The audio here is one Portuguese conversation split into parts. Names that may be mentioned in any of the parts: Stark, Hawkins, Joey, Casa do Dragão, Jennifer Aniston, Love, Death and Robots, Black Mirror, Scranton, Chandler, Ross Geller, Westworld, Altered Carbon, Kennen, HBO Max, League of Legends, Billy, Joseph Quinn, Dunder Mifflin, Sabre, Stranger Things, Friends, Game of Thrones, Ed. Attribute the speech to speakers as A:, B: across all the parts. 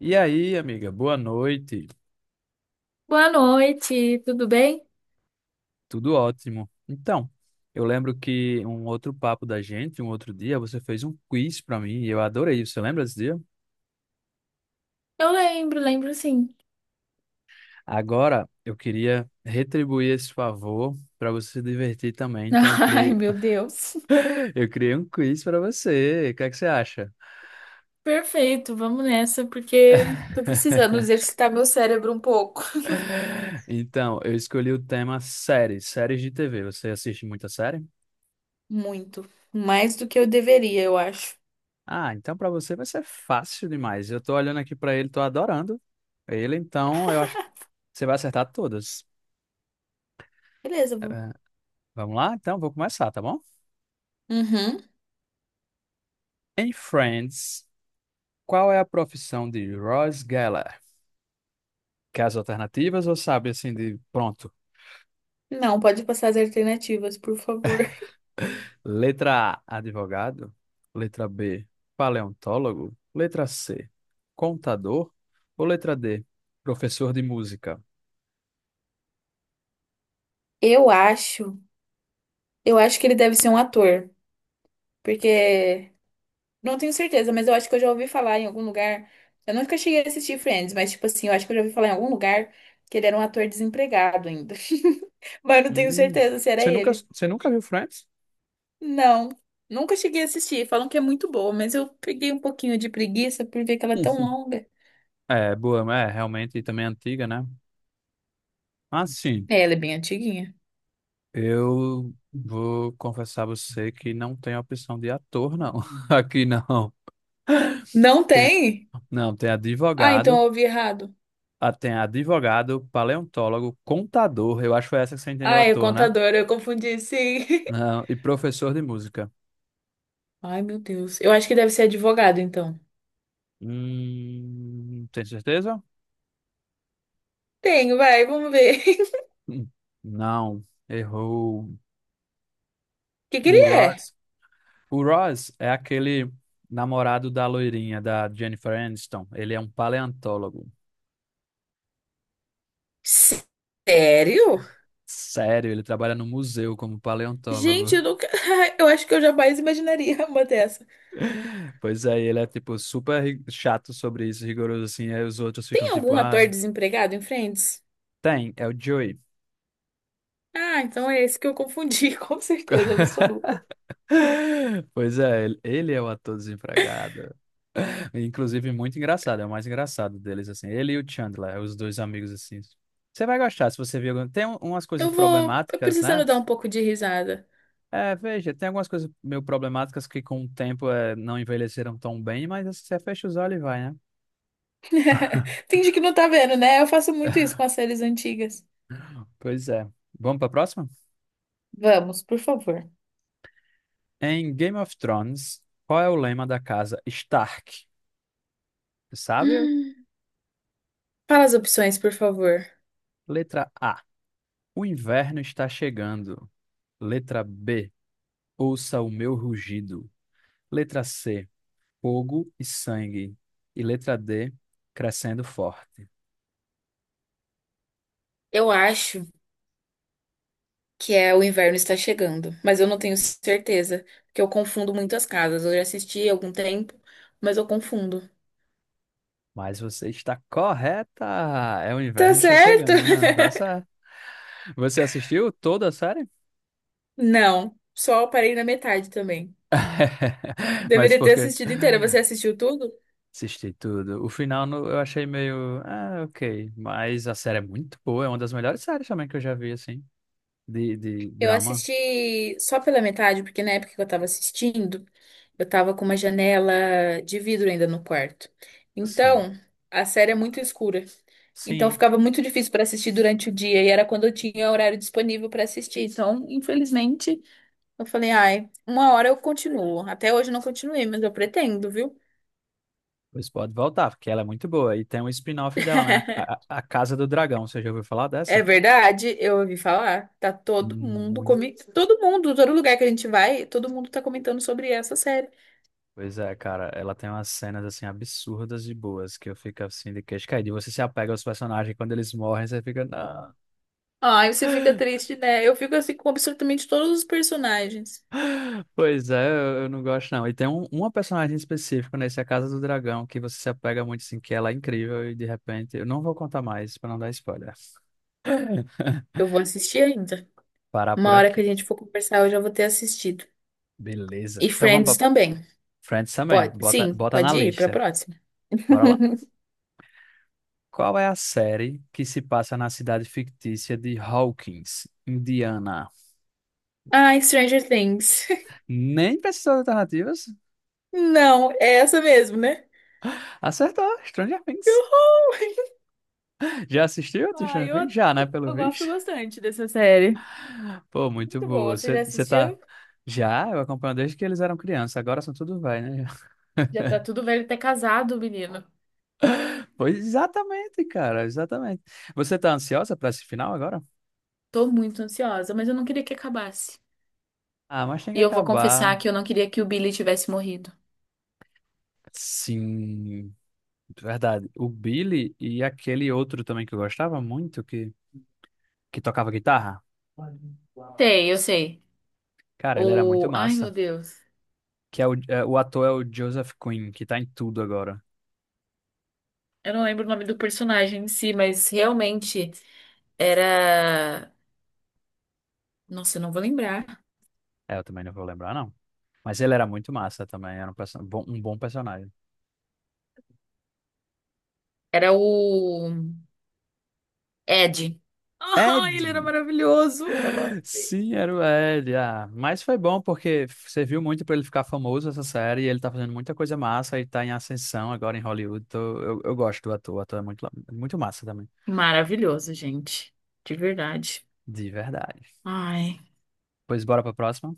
A: E aí, amiga, boa noite.
B: Boa noite, tudo bem?
A: Tudo ótimo. Então, eu lembro que um outro papo da gente, um outro dia, você fez um quiz pra mim e eu adorei. Você lembra desse dia?
B: Lembro sim.
A: Agora, eu queria retribuir esse favor pra você se divertir também. Então, eu
B: Ai,
A: criei,
B: meu Deus.
A: eu criei um quiz pra você. O que é que você acha?
B: Perfeito, vamos nessa, porque tô precisando exercitar meu cérebro um pouco.
A: Então, eu escolhi o tema séries, séries de TV. Você assiste muita série?
B: Muito. Mais do que eu deveria, eu acho.
A: Ah, então para você vai ser fácil demais. Eu tô olhando aqui para ele, tô adorando ele, então eu acho que você vai acertar todas.
B: Beleza, vou.
A: Eh, Vamos lá? Então vou começar, tá bom?
B: Uhum.
A: Em Friends, qual é a profissão de Ross Geller? Quer as alternativas ou sabe assim de pronto?
B: Não, pode passar as alternativas, por favor.
A: Letra A, advogado. Letra B, paleontólogo. Letra C, contador. Ou letra D, professor de música?
B: Eu acho. Que ele deve ser um ator, porque não tenho certeza, mas eu acho que eu já ouvi falar em algum lugar. Eu nunca cheguei a assistir Friends, mas, tipo assim, eu acho que eu já ouvi falar em algum lugar que ele era um ator desempregado ainda. Mas eu não tenho
A: Hum,
B: certeza se era
A: Você nunca,
B: ele.
A: você nunca viu Friends?
B: Não, nunca cheguei a assistir. Falam que é muito boa, mas eu peguei um pouquinho de preguiça por ver que ela é tão longa.
A: É, boa, é realmente também é antiga, né? Mas sim,
B: É, ela é bem antiguinha.
A: eu vou confessar a você que não tem opção de ator, não. Aqui não.
B: Não
A: Tem,
B: tem?
A: não, tem
B: Ah, então
A: advogado,
B: eu ouvi errado.
A: ah, tem advogado, paleontólogo, contador, eu acho que foi essa que você entendeu,
B: Ah, é
A: ator, né?
B: contador, eu confundi, sim.
A: Ah, e professor de música.
B: Ai, meu Deus. Eu acho que deve ser advogado, então.
A: Tem certeza?
B: Tenho, vai, vamos ver.
A: Hum, Não, errou.
B: O que que ele
A: O
B: é?
A: Ross. O Ross é aquele namorado da loirinha, da Jennifer Aniston. Ele é um paleontólogo.
B: Sério?
A: Sério, ele trabalha no museu como paleontólogo.
B: Gente, eu nunca. Eu acho que eu jamais imaginaria uma dessa.
A: Pois é, e ele é tipo super chato sobre isso, rigoroso assim, aí os outros ficam
B: Tem
A: tipo,
B: algum ator
A: ah,
B: desempregado em Friends?
A: tem, é o Joey.
B: Ah, então é esse que eu confundi, com certeza absoluta.
A: Pois é, ele é o ator desempregado. Inclusive, muito engraçado, é o mais engraçado deles, assim. Ele e o Chandler, os dois amigos, assim. Você vai gostar se você viu. Tem umas coisas
B: Eu vou. Eu
A: problemáticas,
B: precisando
A: né?
B: dar um pouco de risada.
A: É, veja, tem algumas coisas meio problemáticas que com o tempo é, não envelheceram tão bem, mas assim, você fecha os olhos e vai, né?
B: Finge que não tá vendo, né? Eu faço muito isso com as séries antigas.
A: Pois é. Vamos para a próxima?
B: Vamos, por favor.
A: Em Game of Thrones, qual é o lema da casa Stark? Tu sabe?
B: Hum. Fala as opções, por favor.
A: Letra A. O inverno está chegando. Letra B. Ouça o meu rugido. Letra C. Fogo e sangue. E letra D. Crescendo forte.
B: Eu acho que é o inverno está chegando, mas eu não tenho certeza, porque eu confundo muito as casas. Eu já assisti há algum tempo, mas eu confundo.
A: Mas você está correta! É o
B: Tá
A: inverno está
B: certo?
A: chegando. Tá certo. Você assistiu toda a série?
B: Não, só parei na metade também.
A: Mas
B: Deveria
A: por
B: ter
A: quê?
B: assistido inteira. Você assistiu tudo?
A: Assisti tudo. O final eu achei meio. Ah, ok. Mas a série é muito boa. É uma das melhores séries também que eu já vi, assim. De
B: Eu
A: drama.
B: assisti só pela metade, porque na época que eu tava assistindo, eu tava com uma janela de vidro ainda no quarto.
A: Sim.
B: Então, a série é muito escura. Então,
A: Sim.
B: ficava muito difícil para assistir durante o dia, e era quando eu tinha horário disponível para assistir. Então, infelizmente, eu falei, ai, uma hora eu continuo. Até hoje eu não continuei, mas eu pretendo, viu?
A: Pois pode voltar, porque ela é muito boa. E tem um spin-off dela, né? A Casa do Dragão. Você já ouviu falar
B: É
A: dessa?
B: verdade, eu ouvi falar. Tá todo mundo
A: Muito.
B: comentando. Todo mundo, todo lugar que a gente vai, todo mundo tá comentando sobre essa série.
A: Pois é, cara. Ela tem umas cenas, assim, absurdas e boas que eu fico, assim, de queixo caído. E você se apega aos personagens. Quando eles morrem, você fica. Não.
B: Ai, você fica triste, né? Eu fico assim com absolutamente todos os personagens.
A: Pois é, eu não gosto não. E tem um, uma personagem específica nesse A Casa do Dragão que você se apega muito, assim, que ela é incrível e de repente... Eu não vou contar mais pra não dar spoiler.
B: Eu vou assistir ainda.
A: Parar
B: Uma
A: por
B: hora que a
A: aqui.
B: gente for conversar, eu já vou ter assistido.
A: Beleza.
B: E
A: Então vamos
B: Friends
A: pra
B: também.
A: Friends também.
B: Pode,
A: Bota,
B: sim,
A: bota na
B: pode ir pra
A: lista.
B: próxima.
A: Bora lá. Qual é a série que se passa na cidade fictícia de Hawkins, Indiana?
B: Ai, Stranger Things.
A: Nem precisou de alternativas.
B: Não, é essa mesmo, né?
A: Acertou, Stranger
B: Que
A: Things.
B: horror.
A: Já assistiu a
B: Ai,
A: Stranger
B: eu,
A: Things? Já, né?
B: eu,
A: Pelo
B: eu gosto
A: visto.
B: bastante dessa série.
A: Pô, muito
B: Muito boa.
A: boa.
B: Você já
A: Você tá.
B: assistiu?
A: Já, eu acompanho desde que eles eram crianças, agora são tudo vai, né?
B: Já tá tudo velho até casado, menino.
A: Pois exatamente, cara, exatamente. Você tá ansiosa pra esse final agora?
B: Tô muito ansiosa, mas eu não queria que acabasse.
A: Ah, mas tem que
B: E eu vou
A: acabar.
B: confessar que eu não queria que o Billy tivesse morrido.
A: Sim, verdade. O Billy e aquele outro também que eu gostava muito, que tocava guitarra.
B: Sei, eu sei.
A: Cara, ele era muito
B: O. Ai, meu
A: massa.
B: Deus.
A: Que é o, é, o ator é o Joseph Quinn, que tá em tudo agora.
B: Eu não lembro o nome do personagem em si, mas realmente era. Nossa, eu não vou lembrar.
A: É, eu também não vou lembrar, não. Mas ele era muito massa também, era um, um bom personagem.
B: Era o Ed. Ah,
A: Ed!
B: ele era maravilhoso. Ah.
A: Sim, era o L. Ah, mas foi bom porque serviu muito para ele ficar famoso essa série. E ele tá fazendo muita coisa massa e tá em ascensão agora em Hollywood. Eu gosto do ator, o ator é muito, muito massa também.
B: Maravilhoso, gente. De verdade.
A: De verdade.
B: Ai.
A: Pois bora pra próxima.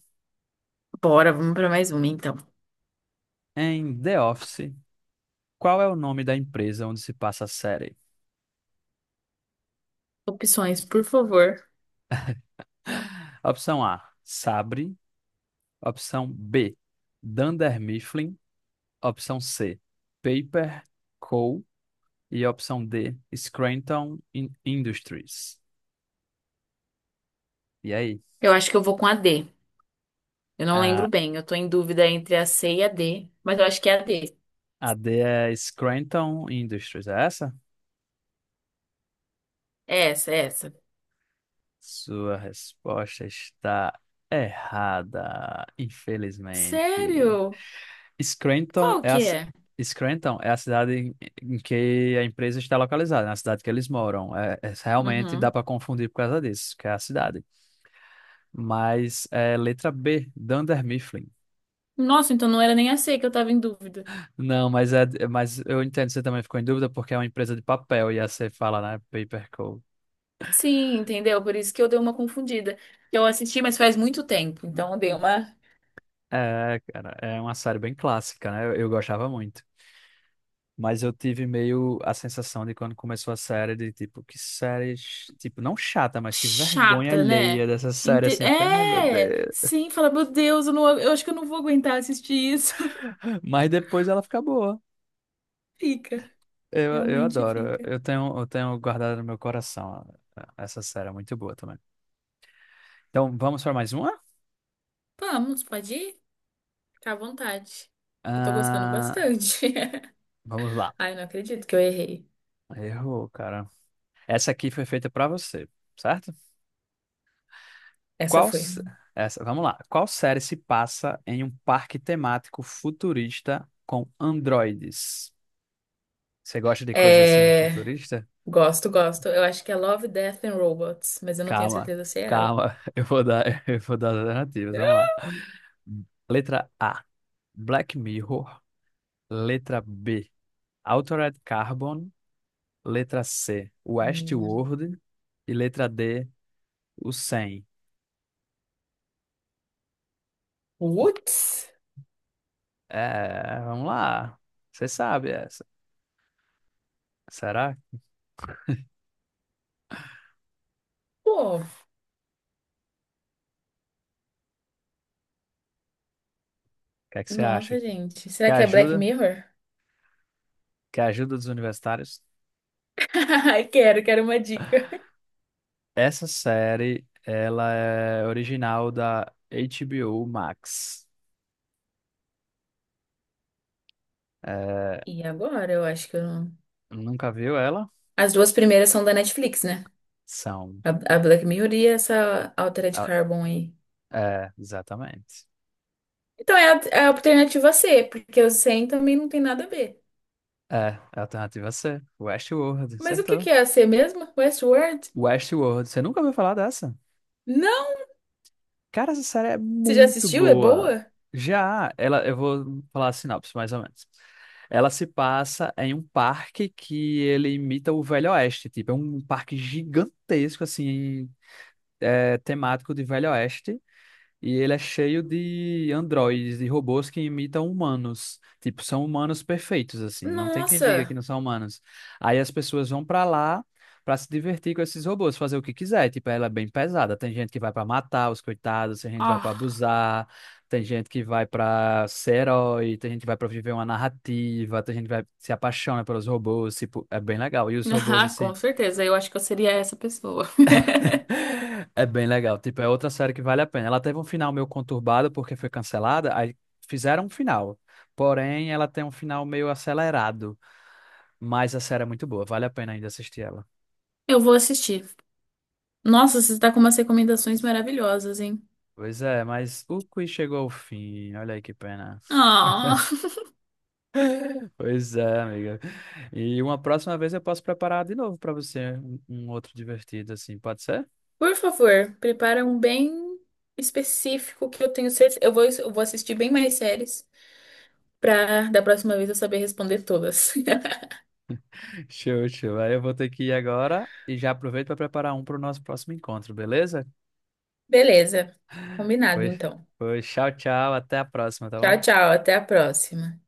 B: Bora, vamos pra mais uma então.
A: Em The Office, qual é o nome da empresa onde se passa a série?
B: Opções, por favor.
A: Opção A, Sabre. Opção B, Dunder Mifflin. Opção C, Paper Co. E opção D, Industries. E aí?
B: Eu acho que eu vou com a D. Eu não
A: A,
B: lembro bem, eu tô em dúvida entre a C e a D, mas eu acho que é a D.
A: a D é Scranton Industries, é essa?
B: É essa, é essa.
A: Sua resposta está errada, infelizmente.
B: Sério?
A: Scranton
B: Qual
A: é a,
B: que
A: ci-
B: é?
A: Scranton é a cidade em em que a empresa está localizada, na cidade que eles moram. Realmente dá
B: Uhum.
A: para confundir por causa disso, que é a cidade. Mas é letra B, Dunder Mifflin.
B: Nossa, então não era nem a C que eu tava em dúvida.
A: Não, mas, é, mas eu entendo, você também ficou em dúvida porque é uma empresa de papel e aí você fala, né? Paper Co.
B: Sim, entendeu? Por isso que eu dei uma confundida. Eu assisti, mas faz muito tempo, então eu dei uma
A: É, cara, é uma série bem clássica, né? Eu gostava muito. Mas eu tive meio a sensação de quando começou a série, de tipo, que série, tipo, não chata, mas que vergonha
B: chata,
A: alheia
B: né?
A: dessa série,
B: Ente-
A: assim. Eu fiquei, ai meu
B: É!
A: Deus.
B: Sim, fala, meu Deus, eu, não, eu acho que eu não vou aguentar assistir isso.
A: Mas depois ela fica boa.
B: Fica,
A: Eu
B: realmente
A: adoro.
B: fica.
A: Eu tenho guardado no meu coração essa série, é muito boa também. Então, vamos para mais uma?
B: Vamos, pode ir? Fica à vontade. Eu tô gostando
A: Ah,
B: bastante.
A: vamos lá.
B: Ai, não acredito que eu errei.
A: Errou, cara. Essa aqui foi feita para você, certo?
B: Essa
A: Qual,
B: foi.
A: se- essa, vamos lá. Qual série se passa em um parque temático futurista com androides? Você gosta de coisa assim
B: É...
A: futurista?
B: Gosto, gosto. Eu acho que é Love, Death and Robots, mas eu não tenho
A: Calma,
B: certeza se é ela.
A: calma. Eu vou dar, eu vou dar as alternativas. Vamos lá. Letra A, Black Mirror. Letra B, Altered Carbon. Letra C,
B: Hum.
A: Westworld. E letra D, o 100.
B: Putz!
A: É, vamos lá. Você sabe essa. Será? O
B: Pô,
A: que é que você acha?
B: nossa, gente.
A: Quer
B: Será que é Black
A: ajuda?
B: Mirror?
A: Que é a Ajuda dos Universitários.
B: Ai, quero uma dica.
A: Essa série, ela é original da HBO Max. É,
B: E agora? Eu acho que eu não...
A: nunca viu ela?
B: As duas primeiras são da Netflix, né?
A: São.
B: A, a Black Mirror e essa Altered
A: Ah,
B: Carbon aí.
A: é, exatamente.
B: Então é a alternativa C, porque o 100 também não tem nada a ver.
A: É, a alternativa C. Westworld,
B: Mas o que
A: acertou.
B: que é a C mesmo? Westworld?
A: Westworld, você nunca ouviu falar dessa?
B: Não!
A: Cara, essa série é
B: Você já
A: muito
B: assistiu? É
A: boa.
B: boa?
A: Já, ela, eu vou falar a sinopse, mais ou menos. Ela se passa em um parque que ele imita o Velho Oeste, tipo, é um parque gigantesco, assim, é, temático de Velho Oeste e ele é cheio de androides, de robôs que imitam humanos. Tipo, são humanos perfeitos, assim. Não tem quem diga que
B: Nossa!
A: não são humanos. Aí as pessoas vão pra lá pra se divertir com esses robôs, fazer o que quiser. Tipo, ela é bem pesada. Tem gente que vai pra matar os coitados, tem gente que vai pra
B: Ah,
A: abusar, tem gente que vai pra ser herói, tem gente que vai pra viver uma narrativa, tem gente que vai se apaixona pelos robôs. Tipo, é bem legal. E os robôs, assim.
B: com certeza. Eu acho que eu seria essa pessoa.
A: É bem legal. Tipo, é outra série que vale a pena. Ela teve um final meio conturbado porque foi cancelada, aí fizeram um final. Porém, ela tem um final meio acelerado. Mas a série é muito boa, vale a pena ainda assistir ela.
B: Eu vou assistir. Nossa, você está com umas recomendações maravilhosas, hein?
A: Pois é, mas o quiz chegou ao fim. Olha aí que pena.
B: Ah,
A: Pois é, amiga. E uma próxima vez eu posso preparar de novo para você um, um outro divertido, assim, pode ser?
B: por favor, prepara um bem específico que eu tenho certeza. Eu vou assistir bem mais séries para da próxima vez eu saber responder todas.
A: Show, show. Aí eu vou ter que ir agora e já aproveito para preparar um para o nosso próximo encontro, beleza?
B: Beleza, combinado
A: Foi,
B: então.
A: foi. Tchau, tchau. Até a próxima, tá bom?
B: Tchau, tchau, até a próxima.